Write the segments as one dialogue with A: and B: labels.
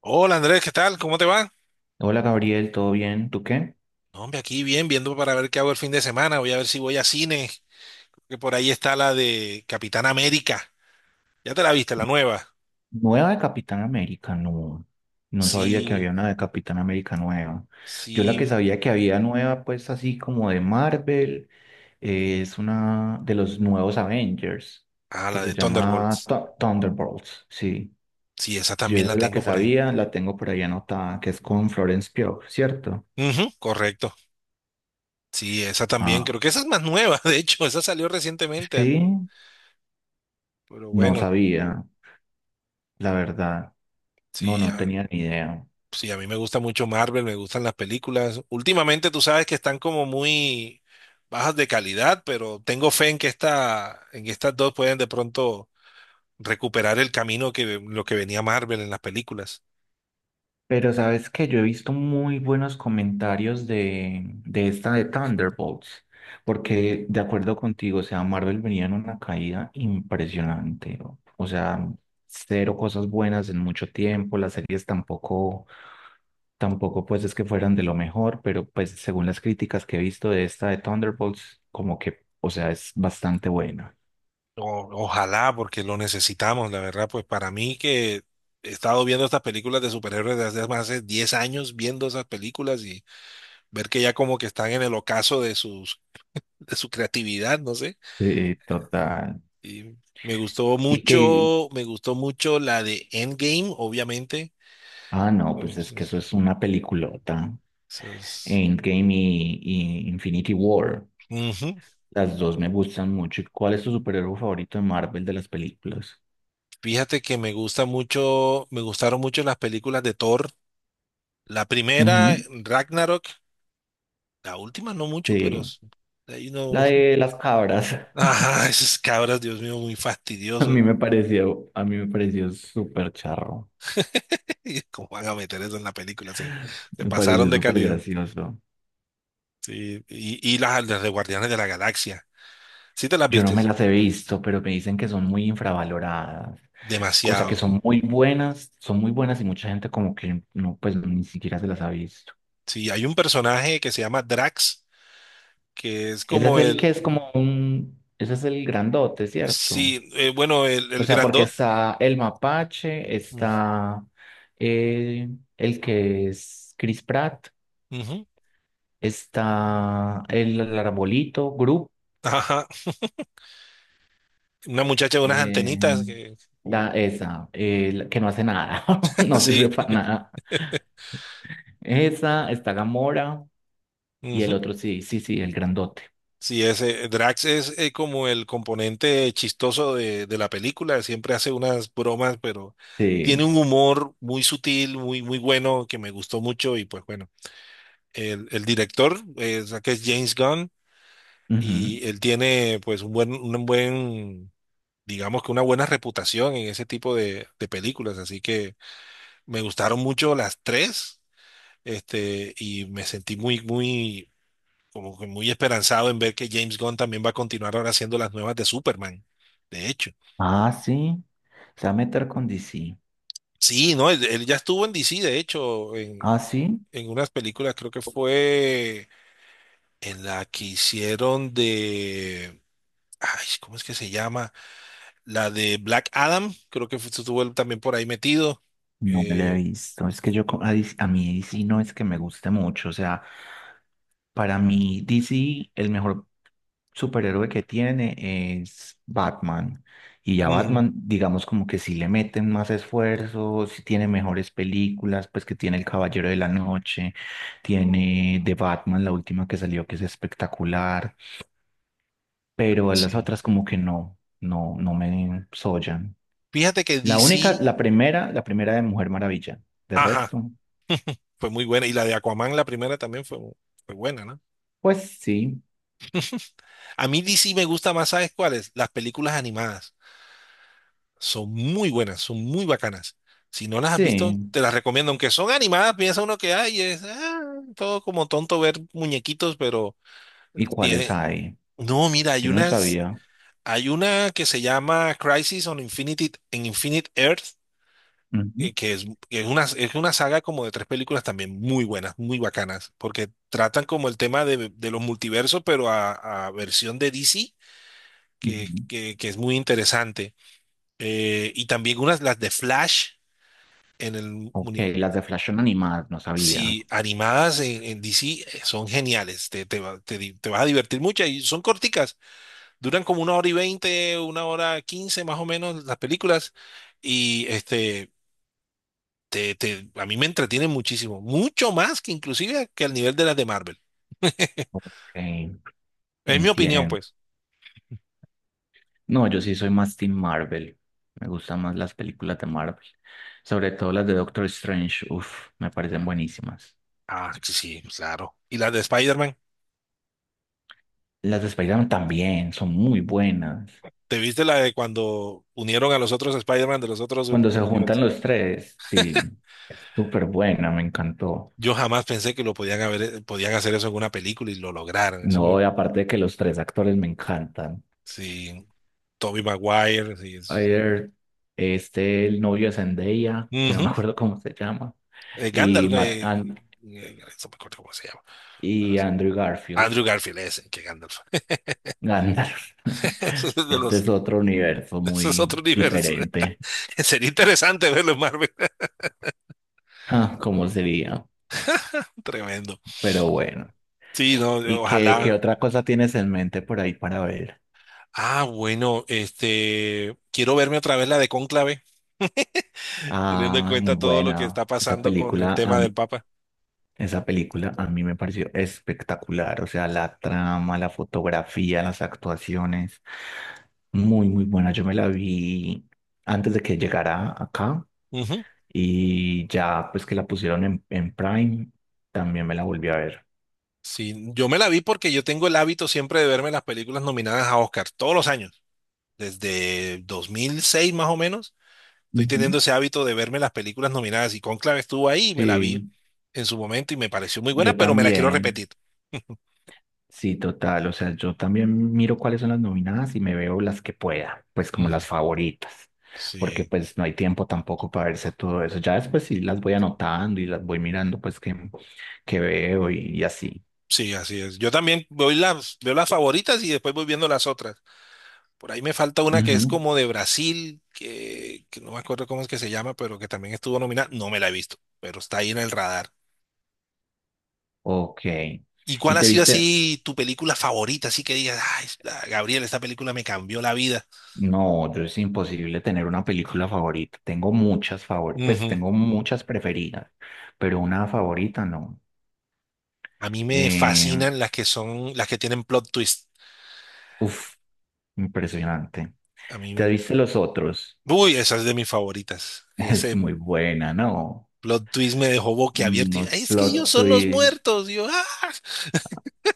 A: Hola Andrés, ¿qué tal? ¿Cómo te va?
B: Hola Gabriel, ¿todo bien? ¿Tú qué?
A: No, hombre, aquí bien, viendo para ver qué hago el fin de semana. Voy a ver si voy a cine, que por ahí está la de Capitán América. ¿Ya te la viste, la nueva?
B: Nueva de Capitán América, no. No sabía que había
A: Sí,
B: una de Capitán América nueva. Yo la que
A: sí.
B: sabía que había nueva, pues así como de Marvel, es una de los nuevos Avengers,
A: Ah,
B: que
A: la
B: se
A: de
B: llama
A: Thunderbolts.
B: Thunderbolts, sí.
A: Sí, esa
B: Yo
A: también
B: esa
A: la
B: es la que
A: tengo por ahí.
B: sabía, la tengo por ahí anotada, que es con Florence Pugh, ¿cierto?
A: Ujú, correcto. Sí, esa también.
B: Ah,
A: Creo que esa es más nueva, de hecho. Esa salió recientemente.
B: sí,
A: Pero
B: no
A: bueno,
B: sabía, la verdad. No,
A: sí.
B: no tenía ni idea.
A: Sí, a mí me gusta mucho Marvel, me gustan las películas. Últimamente tú sabes que están como muy bajas de calidad, pero tengo fe en que esta, en que estas dos pueden de pronto recuperar el camino que lo que venía Marvel en las películas.
B: Pero sabes que yo he visto muy buenos comentarios de esta de Thunderbolts, porque de acuerdo contigo, o sea, Marvel venía en una caída impresionante, o sea, cero cosas buenas en mucho tiempo, las series tampoco, tampoco pues es que fueran de lo mejor, pero pues según las críticas que he visto de esta de Thunderbolts, como que, o sea, es bastante buena.
A: Ojalá, porque lo necesitamos, la verdad, pues para mí que he estado viendo estas películas de superhéroes desde hace más de 10 años, viendo esas películas y ver que ya como que están en el ocaso de sus, de su creatividad, no sé.
B: Sí, total.
A: Y me gustó
B: Y que,
A: mucho, me gustó mucho la de Endgame, obviamente.
B: ah, no, pues
A: Pues,
B: es que eso es una peliculota.
A: eso es-
B: Endgame y Infinity War.
A: Ujú.
B: Las dos me gustan mucho. ¿Cuál es tu superhéroe favorito de Marvel de las películas?
A: Fíjate que me gusta mucho, me gustaron mucho las películas de Thor. La primera,
B: Ujú.
A: Ragnarok, la última no mucho,
B: Sí,
A: de ahí no.
B: la de las cabras.
A: Ajá, esas cabras, Dios mío, muy
B: A
A: fastidiosos.
B: mí me pareció, a mí me pareció súper charro.
A: ¿Cómo van a meter eso en la película? Se
B: Me
A: pasaron
B: pareció
A: de
B: súper
A: calidad.
B: gracioso.
A: Sí, y las de Guardianes de la Galaxia. ¿Sí te las
B: Yo no
A: viste?
B: me las he visto, pero me dicen que son muy infravaloradas. O sea, que
A: Demasiado.
B: son muy buenas y mucha gente como que no, pues ni siquiera se las ha visto.
A: Sí, hay un personaje que se llama Drax, que es
B: Ese es
A: como
B: el que
A: el,
B: es como un, ese es el grandote, ¿cierto?
A: sí, bueno, el,
B: O
A: el
B: sea, porque
A: grandot.
B: está el mapache,
A: Mm,
B: está eh, el que es Chris Pratt,
A: ujú.
B: está el arbolito, Group,
A: Ajá. Una muchacha de unas
B: eh,
A: antenitas que, como-
B: la, esa, la que no hace nada, no sirve
A: sí,
B: para nada. Esa, está Gamora y el
A: ujú.
B: otro sí, sí, sí, el grandote.
A: Sí, ese Drax es como el componente chistoso de la película, siempre hace unas bromas, pero tiene
B: Sí.
A: un humor muy sutil, muy, muy bueno, que me gustó mucho y pues bueno, el director, que es James Gunn,
B: Ujú.
A: y él tiene pues un buen digamos que una buena reputación en ese tipo de películas. Así que me gustaron mucho las tres, y me sentí como que muy esperanzado en ver que James Gunn también va a continuar ahora haciendo las nuevas de Superman. De hecho,
B: Ah, sí, se va a meter con DC.
A: sí, no, él ya estuvo en DC, de hecho, en,
B: Ah, sí.
A: en unas películas, creo que fue en la que hicieron de. Ay, ¿cómo es que se llama? La de Black Adam, estuvo él también por ahí metido.
B: No me la he
A: Eh,
B: visto. Es que yo a, a mí DC no es que me guste mucho. O sea, para mí DC el mejor superhéroe que tiene es Batman. Y ya
A: Ujú,
B: Batman, digamos como que si le meten más esfuerzo, si tiene mejores películas, pues que tiene El Caballero de la Noche, tiene The Batman, la última que salió, que es espectacular, pero las
A: así.
B: otras como que no, no, no me sollan.
A: Fíjate que
B: La única,
A: DC,
B: la primera de Mujer Maravilla. De
A: ajá,
B: resto.
A: fue muy buena. Y la de Aquaman, la primera también fue buena, ¿no?
B: Pues sí,
A: A mí DC me gusta más, ¿sabes cuáles? Las películas animadas. Son muy buenas, son muy bacanas. Si no las has visto,
B: sí.
A: te las recomiendo. Aunque son animadas, piensa uno que hay, es todo como tonto ver muñequitos, pero
B: ¿Y cuáles
A: tiene.
B: hay?
A: No, mira, hay
B: Yo no
A: unas,
B: sabía.
A: hay una que se llama Crisis on Infinity, en Infinite Earth
B: Ujú,
A: es una saga como de tres películas también muy buenas, muy bacanas, porque tratan como el tema de los multiversos, pero a versión de DC, que,
B: ujú.
A: que, que es muy interesante. Y también unas, las de Flash en el
B: Ok,
A: uni-
B: las de Flash son animadas, no sabía.
A: Sí, animadas en DC son geniales, te, va- te di- te vas a divertir mucho y son corticas, duran como una hora y veinte, una hora quince más o menos las películas y a mí me entretiene muchísimo, mucho más que inclusive que al nivel de las de Marvel.
B: Ok,
A: Es mi opinión,
B: entiendo.
A: pues.
B: No, yo sí soy más Team Marvel. Me gustan más las películas de Marvel. Sobre todo las de Doctor Strange. Uf, me parecen buenísimas.
A: Ah, sí, sí, claro. ¿Y las de Spider-Man?
B: Las de Spider-Man también son muy buenas.
A: ¿Te viste la de cuando unieron a los otros Spider-Man de los otros
B: Cuando se juntan
A: universos?
B: los tres, sí, es súper buena, me encantó.
A: Yo jamás pensé que lo podían haber, podían hacer eso en una película y lo lograron.
B: No, y aparte de que los tres actores me encantan.
A: Sí, Tobey Maguire, sí.
B: Ayer, este, el novio de Zendaya, que no me
A: Ujú.
B: acuerdo cómo se llama, y,
A: Gandalf,
B: Matt, An-
A: no me acuerdo cómo se llama. Ahora
B: y
A: sí.
B: Andrew Garfield,
A: Andrew Garfield, ese, que Gandalf.
B: Gandalf.
A: Ese es de
B: Este
A: los,
B: es otro universo
A: ese es
B: muy
A: otro universo.
B: diferente.
A: Sería interesante verlo en Marvel.
B: Ah, ¿cómo sería?
A: Tremendo.
B: Pero bueno.
A: Sí, no,
B: ¿Y qué, qué
A: ojalá.
B: otra cosa tienes en mente por ahí para ver?
A: Ah, bueno, quiero verme otra vez la de Cónclave, teniendo en
B: Ah,
A: cuenta
B: muy
A: todo lo que
B: buena.
A: está
B: Esa
A: pasando con el
B: película
A: tema del Papa.
B: esa película a mí me pareció espectacular, o sea, la trama, la fotografía, las actuaciones, muy, muy buena. Yo me la vi antes de que llegara acá
A: Ujú.
B: y ya pues que la pusieron en Prime, también me la volví a ver.
A: Sí, yo me la vi porque yo tengo el hábito siempre de verme las películas nominadas a Oscar todos los años, desde 2006 más o menos. Estoy
B: Ujú.
A: teniendo ese hábito de verme las películas nominadas y Cónclave estuvo ahí y me la
B: Sí,
A: vi en su momento y me pareció muy buena,
B: yo
A: pero me la quiero
B: también.
A: repetir.
B: Sí, total. O sea, yo también miro cuáles son las nominadas y me veo las que pueda, pues como
A: Ujú.
B: las favoritas, porque
A: Sí.
B: pues no hay tiempo tampoco para verse todo eso. Ya después sí las voy anotando y las voy mirando, pues que veo y así.
A: Sí, así es. Yo también voy las, veo las favoritas y después voy viendo las otras. Por ahí me falta una que es
B: Ujú.
A: como de Brasil, que no me acuerdo cómo es que se llama, pero que también estuvo nominada. No me la he visto, pero está ahí en el radar.
B: Ok.
A: ¿Y cuál
B: ¿Y
A: ha
B: te
A: sido
B: viste?
A: así tu película favorita? Así que digas, ay, Gabriel, esta película me cambió la vida.
B: No, yo es imposible tener una película favorita. Tengo muchas favoritas, pues
A: Ujú.
B: tengo muchas preferidas, pero una favorita no.
A: A mí me
B: Eh,
A: fascinan las que son, las que tienen plot twist.
B: uf, impresionante.
A: A mí,
B: ¿Te viste los otros?
A: uy, esa es de mis favoritas.
B: Es
A: Ese
B: muy buena, ¿no?
A: plot twist me dejó boquiabierto. Y,
B: Unos
A: "Ay, es que
B: plot
A: ellos son los
B: twists.
A: muertos. Y yo, ah,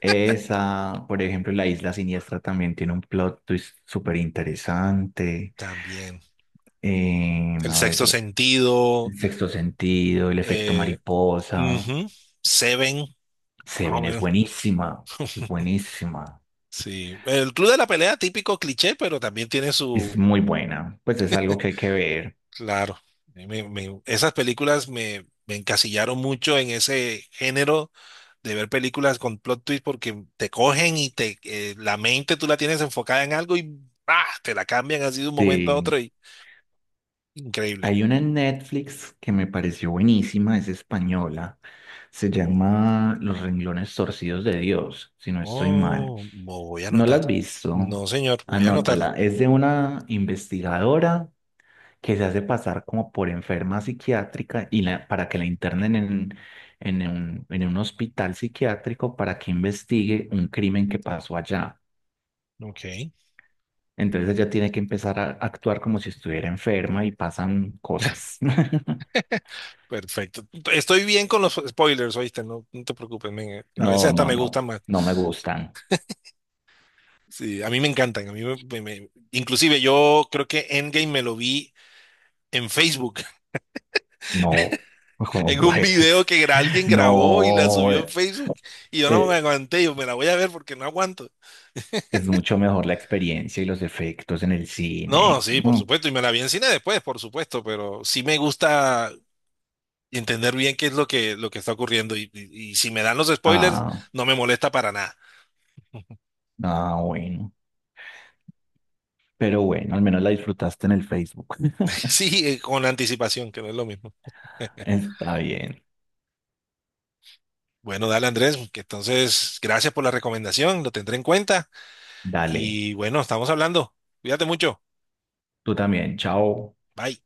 B: Esa, por ejemplo, La Isla Siniestra también tiene un plot twist súper interesante.
A: también. El
B: A
A: sexto
B: ver,
A: sentido,
B: El Sexto Sentido, El Efecto
A: eh,
B: Mariposa.
A: ujú, Seven, más o
B: Seven es
A: menos.
B: buenísima, es buenísima.
A: Sí. El Club de la Pelea, típico cliché, pero también tiene
B: Es
A: su.
B: muy buena. Pues es algo que hay que ver.
A: Claro. Esas películas me encasillaron mucho en ese género de ver películas con plot twist porque te cogen y te la mente tú la tienes enfocada en algo y ¡ah! Te la cambian así de un momento a
B: Sí.
A: otro y increíble.
B: Hay una en Netflix que me pareció buenísima, es española. Se llama Los renglones torcidos de Dios, si no estoy mal.
A: Oh, voy a
B: ¿No la
A: anotar.
B: has visto?
A: No, señor, voy a anotarla.
B: Anótala. Es de una investigadora que se hace pasar como por enferma psiquiátrica y para que la internen en un hospital psiquiátrico para que investigue un crimen que pasó allá.
A: Ok.
B: Entonces ella tiene que empezar a actuar como si estuviera enferma y pasan cosas.
A: Perfecto. Estoy bien con los spoilers, oíste, no, no te preocupes, men, a
B: No,
A: veces hasta
B: no,
A: me
B: no,
A: gustan más.
B: no me gustan.
A: Sí, a mí me encantan, a mí inclusive yo creo que Endgame me lo vi en Facebook,
B: No, como
A: en un
B: pues,
A: video que alguien grabó y la
B: no,
A: subió en Facebook y yo no me
B: eh,
A: aguanté, yo me la voy a ver porque no aguanto.
B: es mucho mejor la experiencia y los efectos en el
A: No,
B: cine.
A: sí, por
B: Mm.
A: supuesto, y me la vi en cine después, por supuesto, pero sí me gusta entender bien qué es lo que, está ocurriendo y si me dan los spoilers,
B: Ah,
A: no me molesta para nada.
B: ah, bueno. Pero bueno, al menos la disfrutaste en el Facebook.
A: Sí, con anticipación, que no es lo mismo.
B: Está bien.
A: Bueno, dale Andrés, que entonces gracias por la recomendación, lo tendré en cuenta
B: Dale,
A: y bueno, estamos hablando. Cuídate mucho.
B: tú también. Chao.
A: Bye.